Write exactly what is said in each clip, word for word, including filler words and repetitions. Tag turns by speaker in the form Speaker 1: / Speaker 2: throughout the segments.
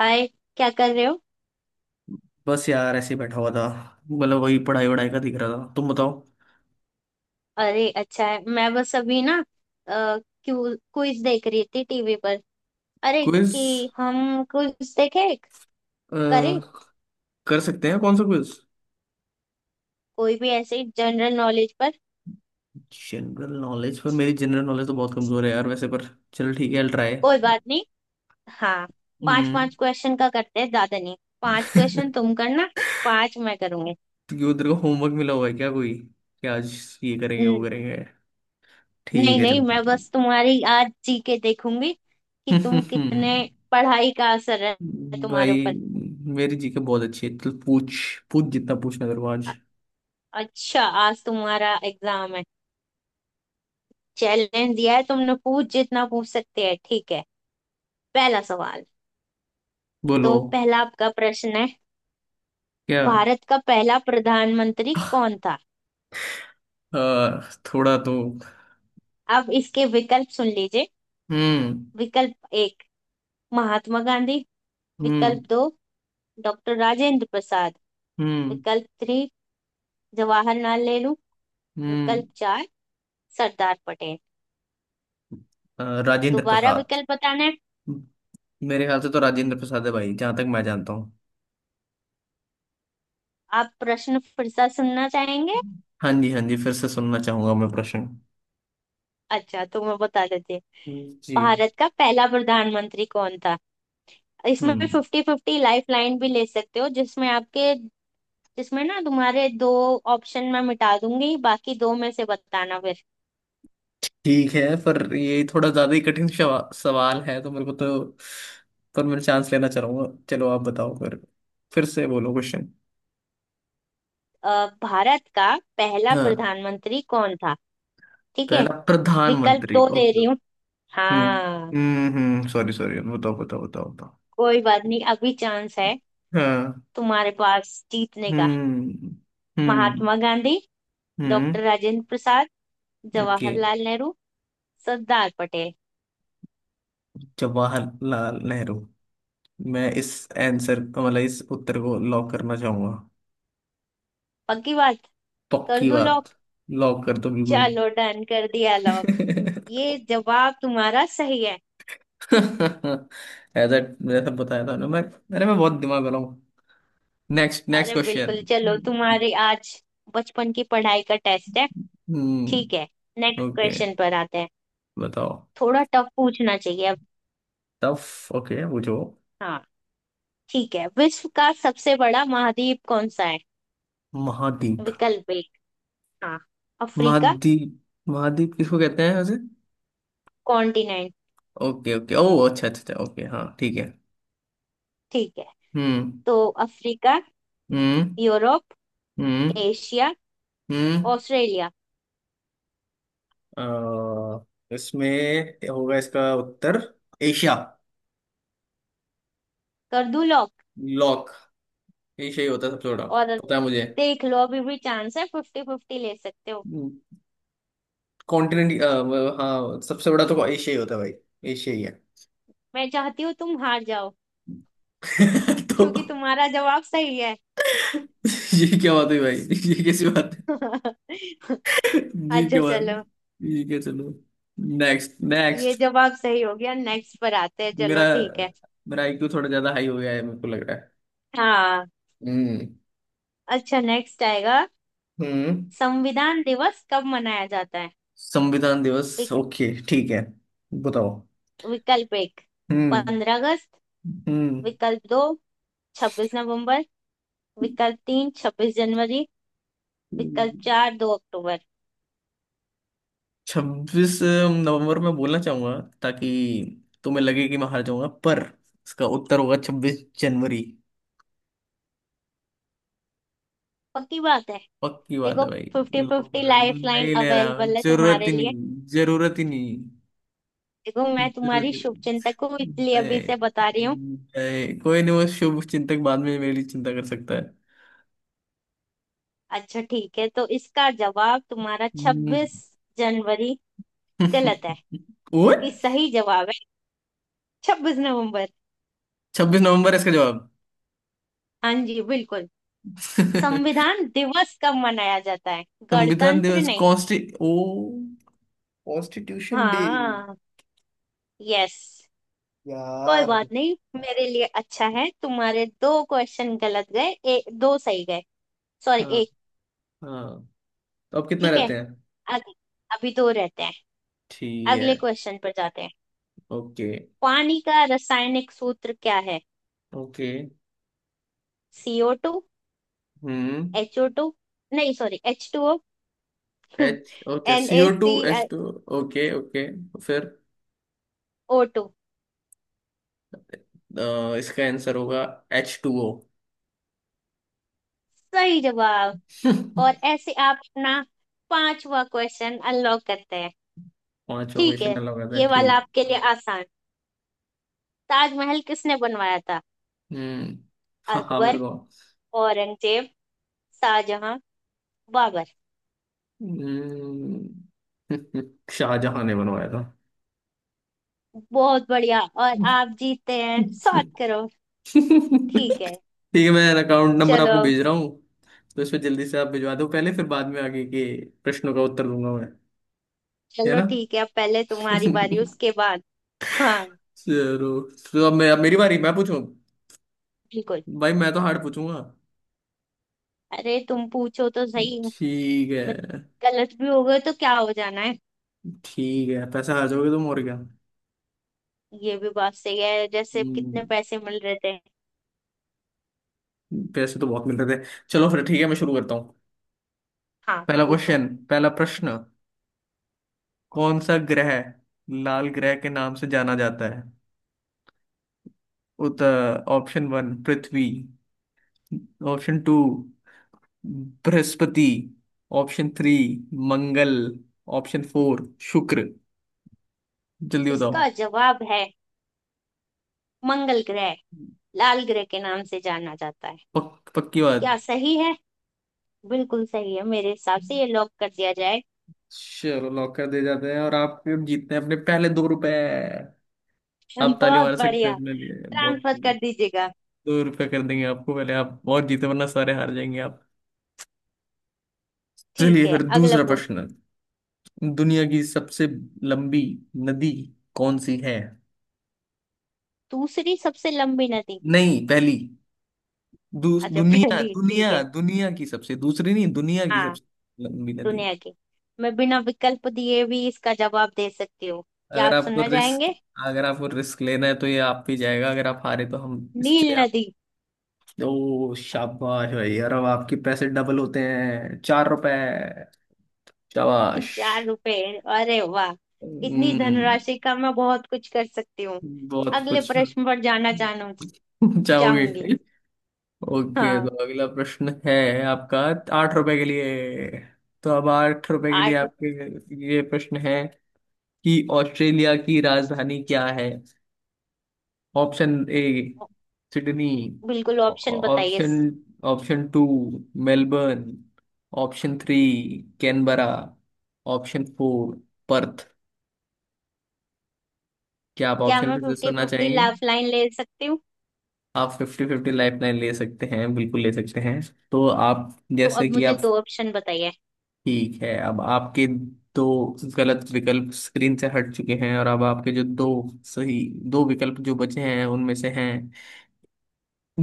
Speaker 1: हाय। क्या कर रहे हो?
Speaker 2: बस यार ऐसे ही बैठा हुआ था। मतलब वही पढ़ाई वढ़ाई का दिख रहा था, तुम बताओ।
Speaker 1: अरे अच्छा है। मैं बस अभी ना अ, क्यू क्विज देख रही थी टीवी पर। अरे
Speaker 2: क्विज
Speaker 1: कि हम क्विज देखे एक? करें?
Speaker 2: कर सकते हैं, कौन सा क्विज?
Speaker 1: कोई भी ऐसे जनरल नॉलेज पर।
Speaker 2: जनरल नॉलेज पर मेरी जनरल नॉलेज तो बहुत कमजोर है यार वैसे, पर चलो ठीक है, ट्राई।
Speaker 1: कोई बात नहीं। हाँ। पांच
Speaker 2: हम्म।
Speaker 1: पांच क्वेश्चन का करते हैं, ज्यादा नहीं। पांच क्वेश्चन तुम करना, पांच मैं करूंगी।
Speaker 2: तो क्यों तेरे को होमवर्क मिला हुआ है क्या कोई, कि आज ये करेंगे वो
Speaker 1: न-
Speaker 2: करेंगे?
Speaker 1: नहीं
Speaker 2: ठीक है
Speaker 1: नहीं, मैं
Speaker 2: चलो।
Speaker 1: बस तुम्हारी आज जी के देखूंगी कि तुम कितने पढ़ाई का असर है तुम्हारे
Speaker 2: भाई
Speaker 1: ऊपर।
Speaker 2: मेरी जी के बहुत अच्छी है, चल पूछ, पूछ जितना पूछना तेरे को
Speaker 1: अ-
Speaker 2: आज।
Speaker 1: अच्छा, आज तुम्हारा एग्जाम है, चैलेंज दिया है तुमने। पूछ जितना पूछ सकते हैं, ठीक है? पहला सवाल,
Speaker 2: बोलो।
Speaker 1: तो पहला आपका प्रश्न है।
Speaker 2: क्या?
Speaker 1: भारत का पहला प्रधानमंत्री कौन था?
Speaker 2: आ, थोड़ा तो।
Speaker 1: अब इसके विकल्प सुन लीजिए।
Speaker 2: हम्म।
Speaker 1: विकल्प एक, महात्मा गांधी।
Speaker 2: हम्म।
Speaker 1: विकल्प दो, डॉक्टर राजेंद्र प्रसाद।
Speaker 2: हम्म।
Speaker 1: विकल्प थ्री, जवाहरलाल नेहरू।
Speaker 2: हम्म।
Speaker 1: विकल्प चार, सरदार पटेल।
Speaker 2: अ, राजेंद्र
Speaker 1: दोबारा
Speaker 2: प्रसाद।
Speaker 1: विकल्प बताना है?
Speaker 2: मेरे ख्याल से तो राजेंद्र प्रसाद है भाई, जहां तक मैं जानता हूँ।
Speaker 1: आप प्रश्न फिर से सुनना चाहेंगे?
Speaker 2: हाँ जी, हाँ जी, फिर से सुनना चाहूंगा मैं प्रश्न।
Speaker 1: अच्छा तो मैं बता देती हूँ।
Speaker 2: जी।
Speaker 1: भारत का पहला प्रधानमंत्री कौन था? इसमें
Speaker 2: हम्म।
Speaker 1: फिफ्टी फिफ्टी लाइफ लाइन भी ले सकते हो, जिसमें आपके, जिसमें ना तुम्हारे दो ऑप्शन मैं मिटा दूंगी, बाकी दो में से बताना फिर।
Speaker 2: ठीक है पर ये थोड़ा ज्यादा ही कठिन शवा- सवाल है, तो मेरे को तो, पर मैं चांस लेना चाहूंगा। चलो, आप बताओ फिर फिर से बोलो क्वेश्चन।
Speaker 1: अ, भारत का पहला
Speaker 2: हाँ।
Speaker 1: प्रधानमंत्री कौन था? ठीक है,
Speaker 2: पहला
Speaker 1: विकल्प
Speaker 2: प्रधानमंत्री,
Speaker 1: दो दे
Speaker 2: ओके।
Speaker 1: रही हूँ।
Speaker 2: हम्म,
Speaker 1: हाँ,
Speaker 2: हम्म, हम्म, सॉरी, सॉरी, बताओ, बताओ, बताओ, बताओ।
Speaker 1: कोई बात नहीं, अभी चांस है
Speaker 2: हाँ।
Speaker 1: तुम्हारे पास जीतने का।
Speaker 2: हम्म। हम्म।
Speaker 1: महात्मा गांधी,
Speaker 2: हम्म।
Speaker 1: Doctor Rajendra Prasad,
Speaker 2: okay.
Speaker 1: जवाहरलाल नेहरू, सरदार पटेल।
Speaker 2: जवाहरलाल नेहरू। मैं इस आंसर, मतलब इस उत्तर को लॉक करना चाहूंगा।
Speaker 1: पक्की बात? कर
Speaker 2: पक्की
Speaker 1: दूं लॉक?
Speaker 2: बात। लॉक कर दो, बिल्कुल।
Speaker 1: चलो, डन, कर दिया लॉक। ये जवाब तुम्हारा सही है।
Speaker 2: ऐसा जैसा बताया था ना मैं, अरे मैं बहुत दिमाग वाला हूँ। नेक्स्ट, नेक्स्ट
Speaker 1: अरे
Speaker 2: क्वेश्चन।
Speaker 1: बिल्कुल, चलो तुम्हारे आज बचपन की पढ़ाई का टेस्ट है। ठीक है,
Speaker 2: हम्म।
Speaker 1: Next
Speaker 2: okay.
Speaker 1: क्वेश्चन पर आते हैं।
Speaker 2: बताओ।
Speaker 1: थोड़ा टफ पूछना चाहिए अब।
Speaker 2: टफ, ओके, पूछो।
Speaker 1: हाँ, ठीक है। विश्व का सबसे बड़ा महाद्वीप कौन सा है?
Speaker 2: महाद्वीप।
Speaker 1: विकल्प एक, हाँ, अफ्रीका।
Speaker 2: महाद्वीप, महाद्वीप किसको कहते हैं वैसे?
Speaker 1: कॉन्टिनेंट।
Speaker 2: ओके, ओके, ओ अच्छा, अच्छा, ओके, हाँ, ठीक है।
Speaker 1: ठीक है,
Speaker 2: हम्म।
Speaker 1: तो अफ्रीका,
Speaker 2: हम्म।
Speaker 1: यूरोप,
Speaker 2: हम्म।
Speaker 1: एशिया,
Speaker 2: हम्म।
Speaker 1: ऑस्ट्रेलिया।
Speaker 2: अ, इसमें होगा इसका उत्तर, एशिया।
Speaker 1: कर दूं लॉक?
Speaker 2: लॉक। एशिया ही होता है सबसे बड़ा,
Speaker 1: और
Speaker 2: पता है मुझे,
Speaker 1: देख लो, अभी भी चांस है, फिफ्टी फिफ्टी ले सकते हो।
Speaker 2: कॉन्टिनेंट। हाँ, सबसे बड़ा तो एशिया ही होता है भाई, एशिया ही है।
Speaker 1: मैं चाहती हूँ तुम हार जाओ,
Speaker 2: तो
Speaker 1: क्योंकि तुम्हारा जवाब सही है।
Speaker 2: ये क्या बात हुई भाई, ये कैसी बात है, ये क्या
Speaker 1: अच्छा,
Speaker 2: बात
Speaker 1: चलो,
Speaker 2: है, ये क्या, चलो। नेक्स्ट,
Speaker 1: ये
Speaker 2: नेक्स्ट।
Speaker 1: जवाब सही हो गया, नेक्स्ट पर आते हैं।
Speaker 2: मेरा
Speaker 1: चलो ठीक है।
Speaker 2: मेरा आई क्यू थोड़ा ज्यादा हाई हो गया है, मेरे को लग रहा है।
Speaker 1: हाँ,
Speaker 2: हम्म।
Speaker 1: अच्छा, नेक्स्ट आएगा।
Speaker 2: हम्म।
Speaker 1: संविधान दिवस कब मनाया जाता है?
Speaker 2: संविधान दिवस,
Speaker 1: विक,
Speaker 2: ओके, ठीक है, बताओ।
Speaker 1: विकल्प एक,
Speaker 2: हम्म।
Speaker 1: पंद्रह अगस्त।
Speaker 2: हम्म।
Speaker 1: विकल्प दो, छब्बीस नवंबर। विकल्प तीन, छब्बीस जनवरी। विकल्प चार, दो अक्टूबर।
Speaker 2: छब्बीस नवंबर में बोलना चाहूंगा ताकि तुम्हें लगे कि मैं हार जाऊंगा, पर इसका उत्तर होगा छब्बीस जनवरी।
Speaker 1: पक्की बात है?
Speaker 2: पक्की बात
Speaker 1: देखो,
Speaker 2: है भाई।
Speaker 1: फिफ्टी
Speaker 2: लोग
Speaker 1: फिफ्टी लाइफ लाइन
Speaker 2: नहीं ले रहा हूं।
Speaker 1: अवेलेबल है
Speaker 2: जरूरत
Speaker 1: तुम्हारे
Speaker 2: ही
Speaker 1: लिए।
Speaker 2: नहीं, जरूरत ही नहीं,
Speaker 1: देखो, मैं
Speaker 2: जरूरत
Speaker 1: तुम्हारी
Speaker 2: ही
Speaker 1: शुभचिंतक हूँ इसलिए अभी
Speaker 2: नहीं।
Speaker 1: से बता रही हूँ।
Speaker 2: नहीं, कोई नहीं, वो शुभ चिंतक बाद में मेरी चिंता कर सकता है।
Speaker 1: अच्छा, ठीक है, तो इसका जवाब तुम्हारा
Speaker 2: हम्म।
Speaker 1: छब्बीस जनवरी गलत है,
Speaker 2: ओए।
Speaker 1: क्योंकि सही जवाब है छब्बीस नवंबर।
Speaker 2: छब्बीस नवंबर इसका जवाब?
Speaker 1: हाँ जी, बिल्कुल। संविधान दिवस कब मनाया जाता है,
Speaker 2: संविधान
Speaker 1: गणतंत्र
Speaker 2: दिवस,
Speaker 1: नहीं।
Speaker 2: कॉन्स्टि ओ, कॉन्स्टिट्यूशन डे।
Speaker 1: हाँ। यस। कोई
Speaker 2: यार।
Speaker 1: बात नहीं, मेरे लिए अच्छा है, तुम्हारे दो क्वेश्चन गलत गए, ए, दो सही गए, सॉरी,
Speaker 2: हाँ,
Speaker 1: एक।
Speaker 2: हाँ, तो अब कितना
Speaker 1: ठीक है।
Speaker 2: रहते हैं?
Speaker 1: अग, अभी दो रहते हैं।
Speaker 2: ठीक है।
Speaker 1: अगले क्वेश्चन पर जाते हैं।
Speaker 2: ओके।
Speaker 1: पानी का रासायनिक सूत्र क्या है?
Speaker 2: ओके।
Speaker 1: सी ओ टू,
Speaker 2: हम्म।
Speaker 1: एच ओ टू, नहीं sorry, H two O,
Speaker 2: H, okay,
Speaker 1: N
Speaker 2: C
Speaker 1: A
Speaker 2: O two
Speaker 1: C,
Speaker 2: H two, okay, okay, तो फिर
Speaker 1: ओ टू।
Speaker 2: अ, इसका आंसर होगा एच टू ओ।
Speaker 1: सही जवाब। और ऐसे आप अपना पांचवा क्वेश्चन अनलॉक करते हैं।
Speaker 2: पांचवा
Speaker 1: ठीक
Speaker 2: क्वेश्चन
Speaker 1: है,
Speaker 2: अलग आता है,
Speaker 1: ये वाला
Speaker 2: ठीक।
Speaker 1: आपके लिए आसान। ताजमहल किसने बनवाया था?
Speaker 2: हम्म। हाँ, हाँ, मेरे
Speaker 1: अकबर,
Speaker 2: को।
Speaker 1: औरंगजेब, शाहजहां, बाबर।
Speaker 2: हम्म। शाहजहां ने बनवाया था।
Speaker 1: बहुत बढ़िया, और आप जीतते हैं सात करोड़ ठीक है,
Speaker 2: ठीक है, मैं अकाउंट नंबर
Speaker 1: चलो।
Speaker 2: आपको भेज रहा हूँ। तो इसमें जल्दी से आप भिजवा दो पहले, फिर बाद में आगे के प्रश्नों का उत्तर दूंगा मैं। है
Speaker 1: चलो
Speaker 2: ना।
Speaker 1: ठीक है, अब पहले तुम्हारी बारी, उसके बाद। हाँ।
Speaker 2: चलो। तो अब मैं, अब मेरी बारी, मैं पूछूं।
Speaker 1: बिल्कुल।
Speaker 2: भाई मैं तो हार्ड पूछूंगा।
Speaker 1: अरे तुम पूछो तो सही।
Speaker 2: ठीक
Speaker 1: बट
Speaker 2: है।
Speaker 1: गलत भी हो गए तो क्या हो जाना है?
Speaker 2: ठीक है, पैसा हार जाओगे तुम और क्या।
Speaker 1: ये भी बात सही है, जैसे कितने
Speaker 2: हम्म,
Speaker 1: पैसे मिल रहे थे?
Speaker 2: पैसे तो बहुत मिल रहे थे। चलो फिर ठीक है, मैं शुरू करता हूँ।
Speaker 1: हाँ,
Speaker 2: पहला
Speaker 1: पूछो।
Speaker 2: क्वेश्चन, पहला प्रश्न। कौन सा ग्रह लाल ग्रह के नाम से जाना जाता है? उत ऑप्शन वन पृथ्वी। ऑप्शन टू बृहस्पति। ऑप्शन थ्री मंगल। ऑप्शन फोर शुक्र। जल्दी बताओ।
Speaker 1: इसका जवाब है मंगल ग्रह, लाल ग्रह के नाम से जाना जाता है।
Speaker 2: पक, पक्की बात।
Speaker 1: क्या सही है? बिल्कुल सही है, मेरे हिसाब से ये लॉक कर दिया जाए।
Speaker 2: चलो लॉक कर दे जाते हैं, और आप फिर जीतते हैं अपने पहले दो रुपए। आप ताली
Speaker 1: बहुत
Speaker 2: मार सकते
Speaker 1: बढ़िया,
Speaker 2: हैं अपने लिए, बहुत
Speaker 1: ट्रांसफर कर
Speaker 2: दो
Speaker 1: दीजिएगा।
Speaker 2: रुपए कर देंगे आपको पहले, आप और जीते वरना सारे हार जाएंगे आप।
Speaker 1: ठीक
Speaker 2: चलिए
Speaker 1: है,
Speaker 2: फिर
Speaker 1: अगला
Speaker 2: दूसरा
Speaker 1: पूछो।
Speaker 2: प्रश्न। दुनिया की सबसे लंबी नदी कौन सी है?
Speaker 1: दूसरी सबसे लंबी नदी?
Speaker 2: नहीं पहली। दू,
Speaker 1: अच्छा,
Speaker 2: दुनिया,
Speaker 1: पहली, ठीक
Speaker 2: दुनिया,
Speaker 1: है।
Speaker 2: दुनिया की सबसे दूसरी नहीं, दुनिया की
Speaker 1: हाँ,
Speaker 2: सबसे लंबी नदी।
Speaker 1: दुनिया की, मैं बिना विकल्प दिए भी इसका जवाब दे सकती हूँ, क्या
Speaker 2: अगर
Speaker 1: आप
Speaker 2: आपको
Speaker 1: सुनना
Speaker 2: रिस्क
Speaker 1: चाहेंगे?
Speaker 2: अगर आपको रिस्क लेना है तो ये आप भी जाएगा, अगर आप हारे तो हम इस
Speaker 1: नील
Speaker 2: पे आप।
Speaker 1: नदी।
Speaker 2: ओ शाबाश भाई यार, अब आपके पैसे डबल होते हैं, चार रुपए। शाबाश।
Speaker 1: चार रुपए, अरे वाह, इतनी
Speaker 2: हम्म।
Speaker 1: धनराशि का मैं बहुत कुछ कर सकती हूँ।
Speaker 2: बहुत
Speaker 1: अगले
Speaker 2: कुछ।
Speaker 1: प्रश्न पर जाना चाहूँ?
Speaker 2: चाहोगे?
Speaker 1: चाहूंगी।
Speaker 2: ओके, तो
Speaker 1: हाँ।
Speaker 2: अगला प्रश्न है आपका, आठ रुपए के लिए। तो अब आठ रुपए के लिए
Speaker 1: आठ?
Speaker 2: आपके ये प्रश्न है कि ऑस्ट्रेलिया की राजधानी क्या है? Option A Sydney.
Speaker 1: बिल्कुल, ऑप्शन बताइए।
Speaker 2: Option option two Melbourne. Option three Canberra. Option four Perth. क्या आप
Speaker 1: क्या
Speaker 2: ऑप्शन
Speaker 1: मैं
Speaker 2: फिर से
Speaker 1: फिफ्टी
Speaker 2: सुनना
Speaker 1: फिफ्टी
Speaker 2: चाहेंगे?
Speaker 1: लाइफ लाइन ले सकती हूँ?
Speaker 2: आप फिफ्टी फिफ्टी लाइफ लाइन ले सकते हैं, बिल्कुल ले सकते हैं। तो आप,
Speaker 1: तो
Speaker 2: जैसे
Speaker 1: अब
Speaker 2: कि
Speaker 1: मुझे
Speaker 2: आप।
Speaker 1: दो ऑप्शन बताइए।
Speaker 2: ठीक है, अब आपके दो गलत विकल्प स्क्रीन से हट चुके हैं, और अब आपके जो दो सही, दो विकल्प जो बचे हैं उनमें से हैं,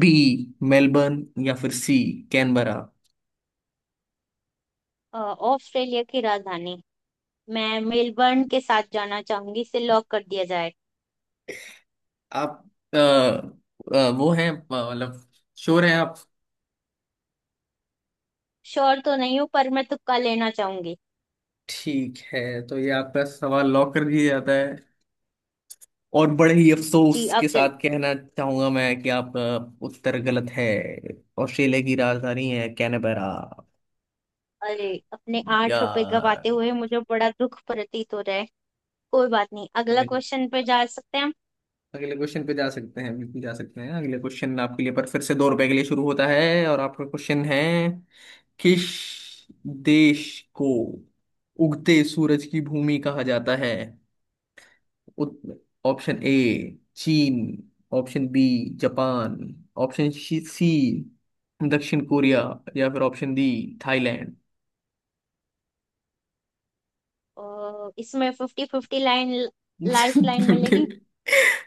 Speaker 2: बी मेलबर्न या फिर सी कैनबरा।
Speaker 1: अ, ऑस्ट्रेलिया की राजधानी, मैं मेलबर्न के साथ जाना चाहूंगी, इसे लॉक कर दिया जाए।
Speaker 2: आप अ, अ, वो हैं अ, मतलब श्योर हैं आप?
Speaker 1: श्योर तो नहीं हूँ, पर मैं तुक्का लेना चाहूंगी।
Speaker 2: ठीक है, तो ये आपका सवाल लॉक कर दिया जाता है, और बड़े ही
Speaker 1: जी
Speaker 2: अफसोस
Speaker 1: अब
Speaker 2: के
Speaker 1: जल
Speaker 2: साथ कहना चाहूंगा मैं कि आपका उत्तर गलत है। ऑस्ट्रेलिया की राजधानी है कैनबरा।
Speaker 1: अरे, अपने आठ रुपए
Speaker 2: यार।
Speaker 1: गवाते हुए मुझे बड़ा दुख प्रतीत हो रहा है। कोई बात नहीं,
Speaker 2: तो
Speaker 1: अगला
Speaker 2: इन-
Speaker 1: क्वेश्चन पे जा सकते हैं हम।
Speaker 2: अगले क्वेश्चन पे जा सकते हैं, बिल्कुल जा सकते हैं। अगले क्वेश्चन आपके लिए पर फिर से दो रुपए के लिए शुरू होता है, और आपका क्वेश्चन है, किस देश को उगते सूरज की भूमि कहा जाता है? ऑप्शन ए चीन। Option B Japan. Option C दक्षिण कोरिया। या फिर ऑप्शन डी थाईलैंड।
Speaker 1: अ, इसमें fifty fifty line life line
Speaker 2: fifty
Speaker 1: मिलेगी?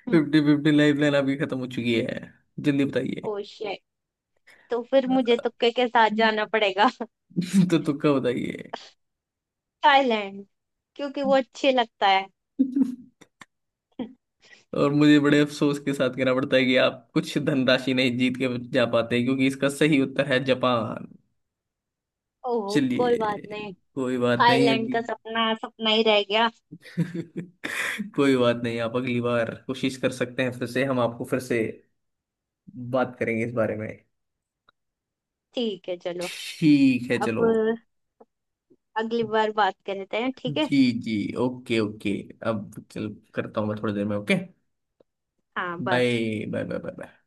Speaker 1: हम्म।
Speaker 2: फिफ्टी फिफ्टी लाइफ लाइन आपकी खत्म हो चुकी है। जल्दी बताइए।
Speaker 1: ओ शिट, तो फिर मुझे तुक्के के साथ जाना पड़ेगा।
Speaker 2: तो तुक्का बताइए।
Speaker 1: थाईलैंड, क्योंकि वो अच्छे लगता है।
Speaker 2: और मुझे बड़े अफसोस के साथ कहना पड़ता है कि आप कुछ धनराशि नहीं जीत के जा पाते, क्योंकि इसका सही उत्तर है जापान।
Speaker 1: ओह, कोई बात
Speaker 2: चलिए,
Speaker 1: नहीं।
Speaker 2: कोई बात नहीं।
Speaker 1: थाईलैंड का सपना सपना ही रह गया।
Speaker 2: कोई बात नहीं, आप अगली बार कोशिश कर सकते हैं, फिर से हम आपको फिर से बात करेंगे इस बारे में।
Speaker 1: ठीक है, चलो।
Speaker 2: ठीक है
Speaker 1: अब
Speaker 2: चलो।
Speaker 1: अगली बार बात करते हैं, ठीक है।
Speaker 2: जी जी, ओके ओके। अब चल करता हूँ मैं थोड़ी देर में, ओके।
Speaker 1: हाँ, bye.
Speaker 2: Bye, bye, bye, bye.